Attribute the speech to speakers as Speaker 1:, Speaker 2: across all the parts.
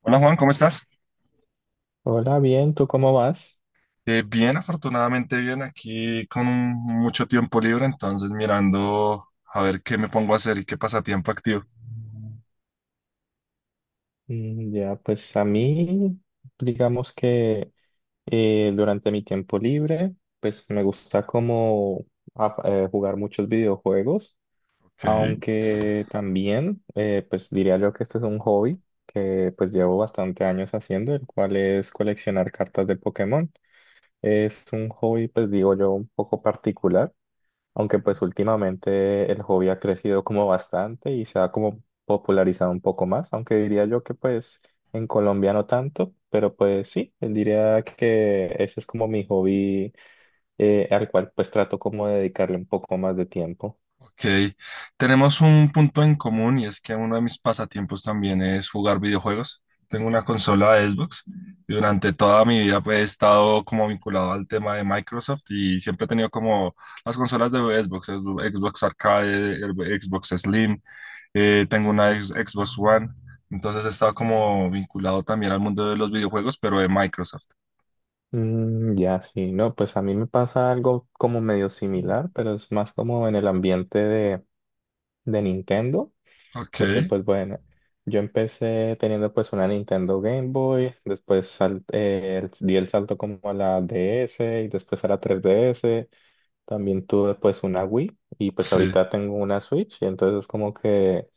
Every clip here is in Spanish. Speaker 1: Hola Juan, ¿cómo estás?
Speaker 2: Hola, bien, ¿tú cómo vas?
Speaker 1: Bien, afortunadamente bien, aquí con mucho tiempo libre, entonces mirando a ver qué me pongo a hacer y qué pasatiempo activo.
Speaker 2: Mm, ya, pues a mí, digamos que durante mi tiempo libre, pues me gusta como jugar muchos videojuegos,
Speaker 1: Ok,
Speaker 2: aunque también, pues diría yo que este es un hobby que pues llevo bastante años haciendo, el cual es coleccionar cartas de Pokémon. Es un hobby, pues digo yo, un poco particular. Aunque pues últimamente el hobby ha crecido como bastante y se ha como popularizado un poco más, aunque diría yo que pues en Colombia no tanto, pero pues sí, diría que ese es como mi hobby, al cual pues trato como de dedicarle un poco más de tiempo.
Speaker 1: ok. Tenemos un punto en común y es que uno de mis pasatiempos también es jugar videojuegos. Tengo una consola de Xbox y durante toda mi vida pues, he estado como vinculado al tema de Microsoft y siempre he tenido como las consolas de Xbox, Xbox Arcade, Xbox Slim. Tengo una Xbox One, entonces he estado como vinculado también al mundo de los videojuegos, pero de Microsoft.
Speaker 2: Mm, ya, sí, no, pues a mí me pasa algo como medio similar, pero es más como en el ambiente de Nintendo.
Speaker 1: Ok,
Speaker 2: Porque pues bueno, yo empecé teniendo pues una Nintendo Game Boy, después di el salto como a la DS y después a la 3DS, también tuve pues una Wii y pues
Speaker 1: sí,
Speaker 2: ahorita tengo una Switch, y entonces como que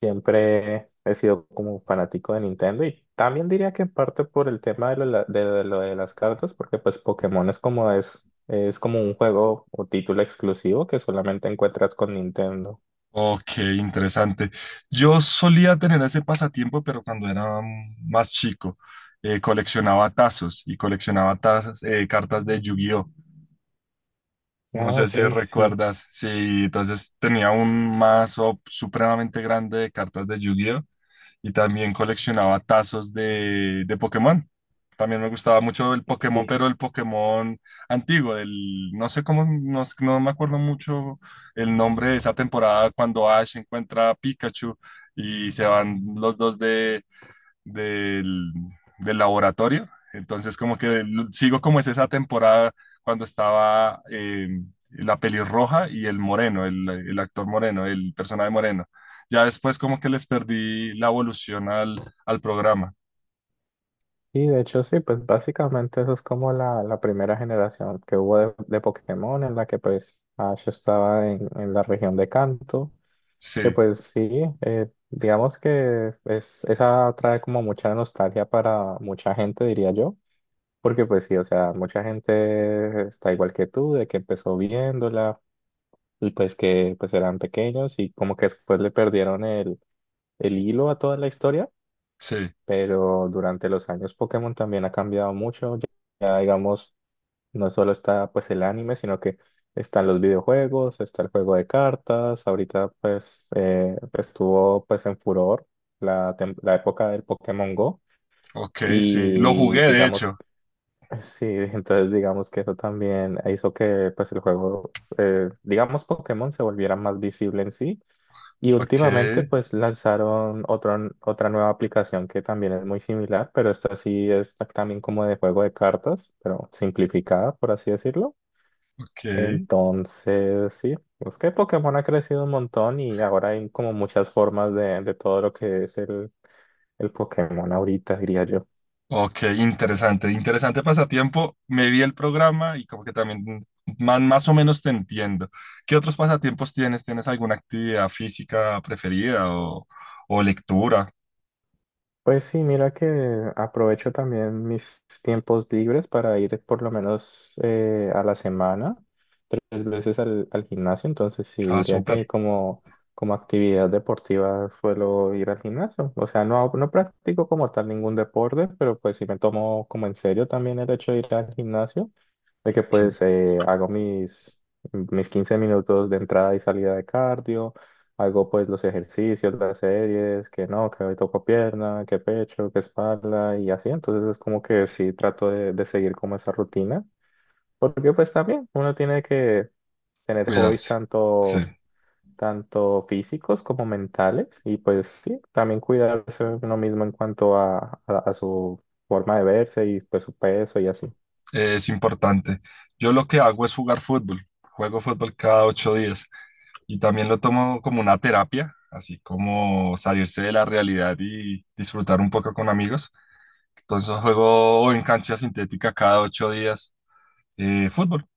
Speaker 2: siempre he sido como fanático de Nintendo y también diría que en parte por el tema de lo de las cartas, porque pues Pokémon es como un juego o título exclusivo que solamente encuentras con Nintendo.
Speaker 1: ok, interesante. Yo solía tener ese pasatiempo, pero cuando era más chico, coleccionaba tazos y coleccionaba tazas, cartas de Yu-Gi-Oh! No
Speaker 2: Ah,
Speaker 1: sé
Speaker 2: ok,
Speaker 1: si
Speaker 2: sí.
Speaker 1: recuerdas, sí, entonces tenía un mazo supremamente grande de cartas de Yu-Gi-Oh! Y también coleccionaba tazos de Pokémon. También me gustaba mucho el Pokémon,
Speaker 2: Sí,
Speaker 1: pero el Pokémon antiguo, el, no sé cómo, no, no me acuerdo mucho el nombre de esa temporada cuando Ash encuentra a Pikachu y se van los dos de del, del laboratorio. Entonces, como que sigo como es esa temporada cuando estaba la pelirroja y el moreno, el actor moreno, el personaje moreno. Ya después como que les perdí la evolución al, al programa.
Speaker 2: y de hecho sí, pues básicamente eso es como la primera generación que hubo de Pokémon, en la que pues Ash estaba en la región de Kanto, que
Speaker 1: Sí,
Speaker 2: pues sí, digamos que esa trae como mucha nostalgia para mucha gente, diría yo, porque pues sí, o sea, mucha gente está igual que tú, de que empezó viéndola y pues que pues eran pequeños y como que después le perdieron el hilo a toda la historia.
Speaker 1: sí,
Speaker 2: Pero durante los años Pokémon también ha cambiado mucho. Ya, ya, digamos, no solo está pues el anime, sino que están los videojuegos, está el juego de cartas. Ahorita pues estuvo pues en furor la época del Pokémon Go
Speaker 1: ok, sí. Lo
Speaker 2: y
Speaker 1: jugué, de
Speaker 2: digamos,
Speaker 1: hecho.
Speaker 2: sí, entonces digamos que eso también hizo que pues el juego, digamos Pokémon, se volviera más visible en sí, y
Speaker 1: Ok,
Speaker 2: últimamente pues lanzaron otra nueva aplicación que también es muy similar, pero esta sí es también como de juego de cartas, pero simplificada, por así decirlo.
Speaker 1: ok.
Speaker 2: Entonces, sí, pues que Pokémon ha crecido un montón y ahora hay como muchas formas de todo lo que es el Pokémon ahorita, diría yo.
Speaker 1: Ok, interesante, interesante pasatiempo. Me vi el programa y como que también más o menos te entiendo. ¿Qué otros pasatiempos tienes? ¿Tienes alguna actividad física preferida o lectura?
Speaker 2: Pues sí, mira que aprovecho también mis tiempos libres para ir por lo menos, a la semana, tres veces al gimnasio, entonces sí,
Speaker 1: Ah,
Speaker 2: diría que
Speaker 1: súper.
Speaker 2: como actividad deportiva suelo ir al gimnasio. O sea, no, no practico como tal ningún deporte, pero pues sí me tomo como en serio también el hecho de ir al gimnasio, de que pues
Speaker 1: Ok,
Speaker 2: hago mis 15 minutos de entrada y salida de cardio. Hago pues los ejercicios, las series, que no, que hoy toco pierna, que pecho, que espalda y así. Entonces es como que sí trato de seguir como esa rutina. Porque pues también uno tiene que tener hobbies
Speaker 1: cuidarse. Sí,
Speaker 2: tanto, físicos como mentales, y pues sí, también cuidarse uno mismo en cuanto a su forma de verse y pues su peso y así.
Speaker 1: es importante. Yo lo que hago es jugar fútbol. Juego fútbol cada 8 días y también lo tomo como una terapia, así como salirse de la realidad y disfrutar un poco con amigos. Entonces juego en cancha sintética cada 8 días fútbol.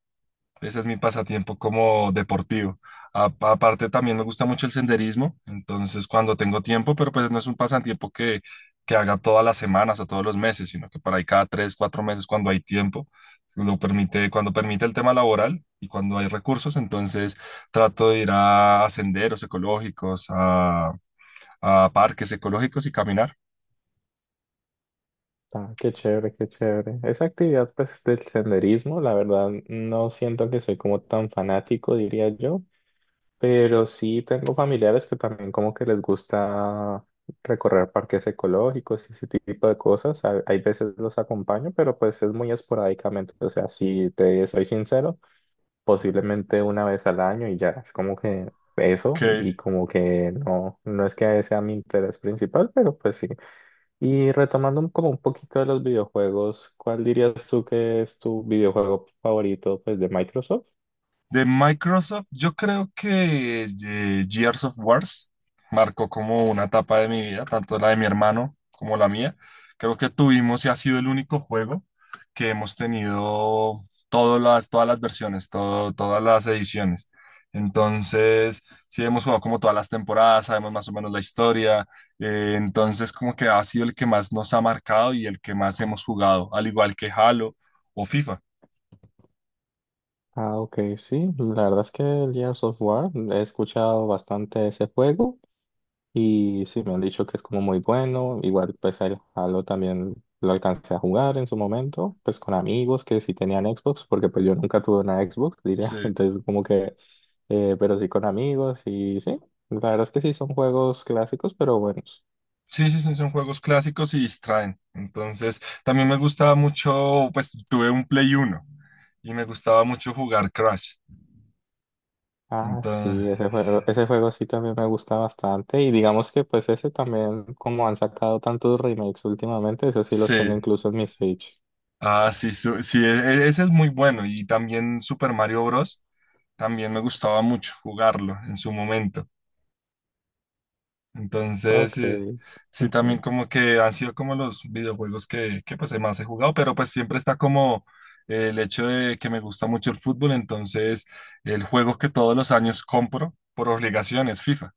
Speaker 1: Ese es mi pasatiempo como deportivo. Aparte también me gusta mucho el senderismo, entonces cuando tengo tiempo, pero pues no es un pasatiempo que haga todas las semanas o todos los meses, sino que por ahí cada tres, cuatro meses cuando hay tiempo, lo permite, cuando permite el tema laboral y cuando hay recursos, entonces trato de ir a, senderos ecológicos, a parques ecológicos y caminar.
Speaker 2: Ah, qué chévere, qué chévere. Esa actividad pues del senderismo, la verdad no siento que soy como tan fanático, diría yo. Pero sí tengo familiares que también como que les gusta recorrer parques ecológicos y ese tipo de cosas. Hay veces los acompaño, pero pues es muy esporádicamente. O sea, si te soy sincero, posiblemente una vez al año, y ya es como que eso,
Speaker 1: Ok,
Speaker 2: y como que no, no es que sea mi interés principal, pero pues sí. Y retomando como un poquito de los videojuegos, ¿cuál dirías tú que es tu videojuego favorito, pues, de Microsoft?
Speaker 1: de Microsoft, yo creo que Gears of Wars marcó como una etapa de mi vida, tanto la de mi hermano como la mía. Creo que tuvimos y ha sido el único juego que hemos tenido todas las versiones, todas las ediciones. Entonces, sí hemos jugado como todas las temporadas, sabemos más o menos la historia. Entonces, como que ha sido el que más nos ha marcado y el que más hemos jugado, al igual que Halo o FIFA.
Speaker 2: Ah, ok, sí, la verdad es que el Gears of War, he escuchado bastante ese juego, y sí, me han dicho que es como muy bueno. Igual, pues, el Halo también lo alcancé a jugar en su momento, pues con amigos que sí tenían Xbox, porque pues yo nunca tuve una Xbox, diría,
Speaker 1: Sí.
Speaker 2: entonces como que, pero sí, con amigos, y sí, la verdad es que sí son juegos clásicos, pero buenos.
Speaker 1: Sí, sí, sí, son juegos clásicos y distraen. Entonces, también me gustaba mucho, pues tuve un Play uno y me gustaba mucho jugar Crash.
Speaker 2: Ah, sí,
Speaker 1: Entonces,
Speaker 2: ese juego sí también me gusta bastante, y digamos que pues ese también, como han sacado tantos remakes últimamente, esos sí los
Speaker 1: sí.
Speaker 2: tengo incluso en mi Switch.
Speaker 1: Ah, sí, sí, ese es muy bueno. Y también Super Mario Bros. También me gustaba mucho jugarlo en su momento.
Speaker 2: Ok.
Speaker 1: Entonces, sí,
Speaker 2: Ujú.
Speaker 1: también como que han sido como los videojuegos que pues más he jugado, pero pues siempre está como el hecho de que me gusta mucho el fútbol, entonces el juego que todos los años compro por obligación es FIFA.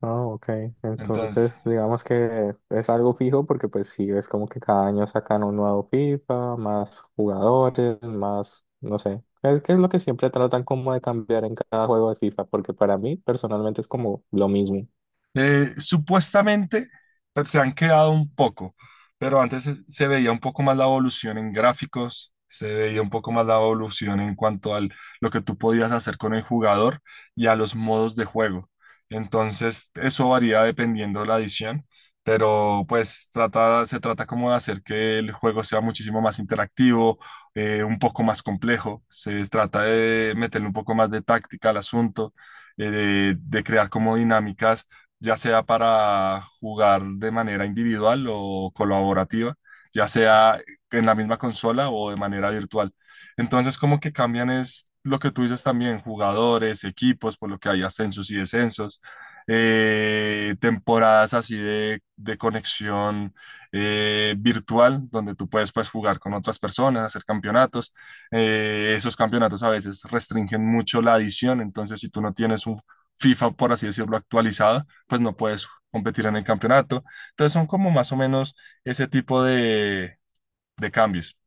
Speaker 2: Oh, ok.
Speaker 1: Entonces,
Speaker 2: Entonces, digamos que es algo fijo, porque pues sí, es como que cada año sacan un nuevo FIFA, más jugadores, más, no sé. Es que es lo que siempre tratan como de cambiar en cada juego de FIFA, porque para mí personalmente es como lo mismo.
Speaker 1: Supuestamente pues, se han quedado un poco, pero antes se, se veía un poco más la evolución en gráficos, se veía un poco más la evolución en cuanto a lo que tú podías hacer con el jugador y a los modos de juego. Entonces, eso varía dependiendo de la edición, pero pues trata, se trata como de hacer que el juego sea muchísimo más interactivo, un poco más complejo, se trata de meterle un poco más de táctica al asunto, de crear como dinámicas ya sea para jugar de manera individual o colaborativa, ya sea en la misma consola o de manera virtual. Entonces, como que cambian es lo que tú dices también, jugadores, equipos, por lo que hay ascensos y descensos, temporadas así de conexión virtual, donde tú puedes pues, jugar con otras personas, hacer campeonatos. Esos campeonatos a veces restringen mucho la adición, entonces si tú no tienes un FIFA, por así decirlo, actualizado, pues no puedes competir en el campeonato. Entonces son como más o menos ese tipo de cambios.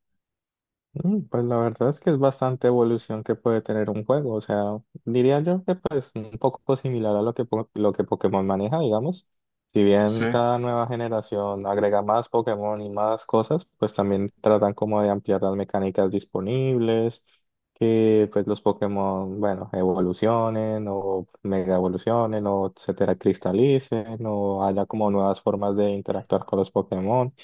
Speaker 2: Pues la verdad es que es bastante evolución que puede tener un juego, o sea, diría yo que pues un poco similar a lo que, lo que Pokémon maneja, digamos. Si
Speaker 1: Sí,
Speaker 2: bien cada nueva generación agrega más Pokémon y más cosas, pues también tratan como de ampliar las mecánicas disponibles, que pues los Pokémon, bueno, evolucionen o mega evolucionen o etcétera, cristalicen, o haya como nuevas formas de interactuar con los Pokémon.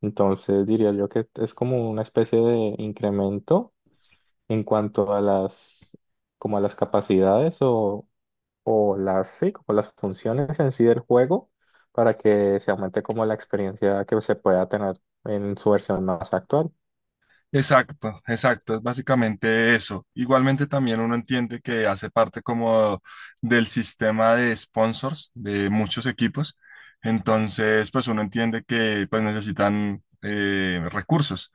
Speaker 2: Entonces diría yo que es como una especie de incremento en cuanto a las, como a las capacidades, o las, sí, como las funciones en sí del juego, para que se aumente como la experiencia que se pueda tener en su versión más actual.
Speaker 1: exacto, exacto, es básicamente eso. Igualmente también uno entiende que hace parte como del sistema de sponsors de muchos equipos. Entonces, pues uno entiende que pues necesitan recursos.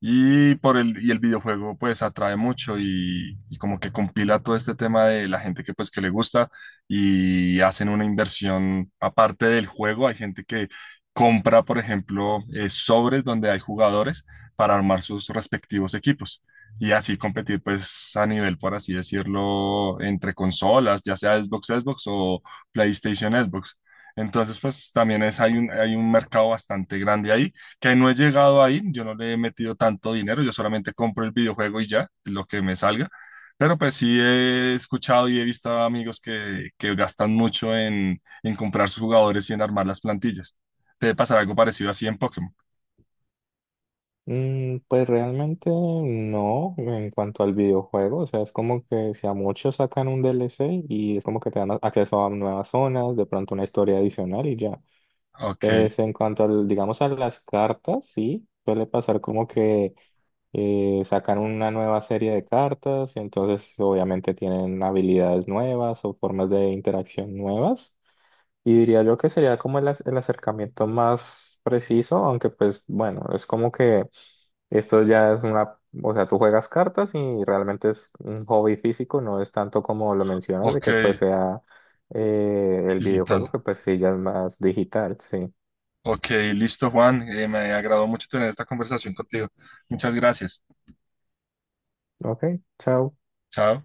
Speaker 1: Y por el, y el videojuego pues atrae mucho y como que compila todo este tema de la gente que pues que le gusta y hacen una inversión aparte del juego. Hay gente que compra, por ejemplo, sobres donde hay jugadores para armar sus respectivos equipos y así competir pues a nivel, por así decirlo, entre consolas, ya sea Xbox, Xbox o PlayStation, Xbox. Entonces pues también es, hay un mercado bastante grande ahí que no he llegado ahí, yo no le he metido tanto dinero, yo solamente compro el videojuego y ya, lo que me salga. Pero pues sí he escuchado y he visto a amigos que gastan mucho en comprar sus jugadores y en armar las plantillas. Debe pasar algo parecido así en Pokémon.
Speaker 2: Pues realmente no en cuanto al videojuego, o sea, es como que si a muchos sacan un DLC y es como que te dan acceso a nuevas zonas, de pronto una historia adicional, y ya.
Speaker 1: Ok,
Speaker 2: Pues en cuanto al, digamos, a las cartas, sí, suele pasar como que sacan una nueva serie de cartas y entonces obviamente tienen habilidades nuevas o formas de interacción nuevas. Y diría yo que sería como el acercamiento más preciso, aunque pues bueno, es como que esto ya es una, o sea, tú juegas cartas y realmente es un hobby físico, no es tanto como lo mencionas de
Speaker 1: ok,
Speaker 2: que pues sea, el videojuego,
Speaker 1: digital.
Speaker 2: que pues sí, ya es más digital, sí.
Speaker 1: Ok, listo, Juan. Me agradó mucho tener esta conversación contigo. Muchas gracias.
Speaker 2: Ok, chao.
Speaker 1: Chao.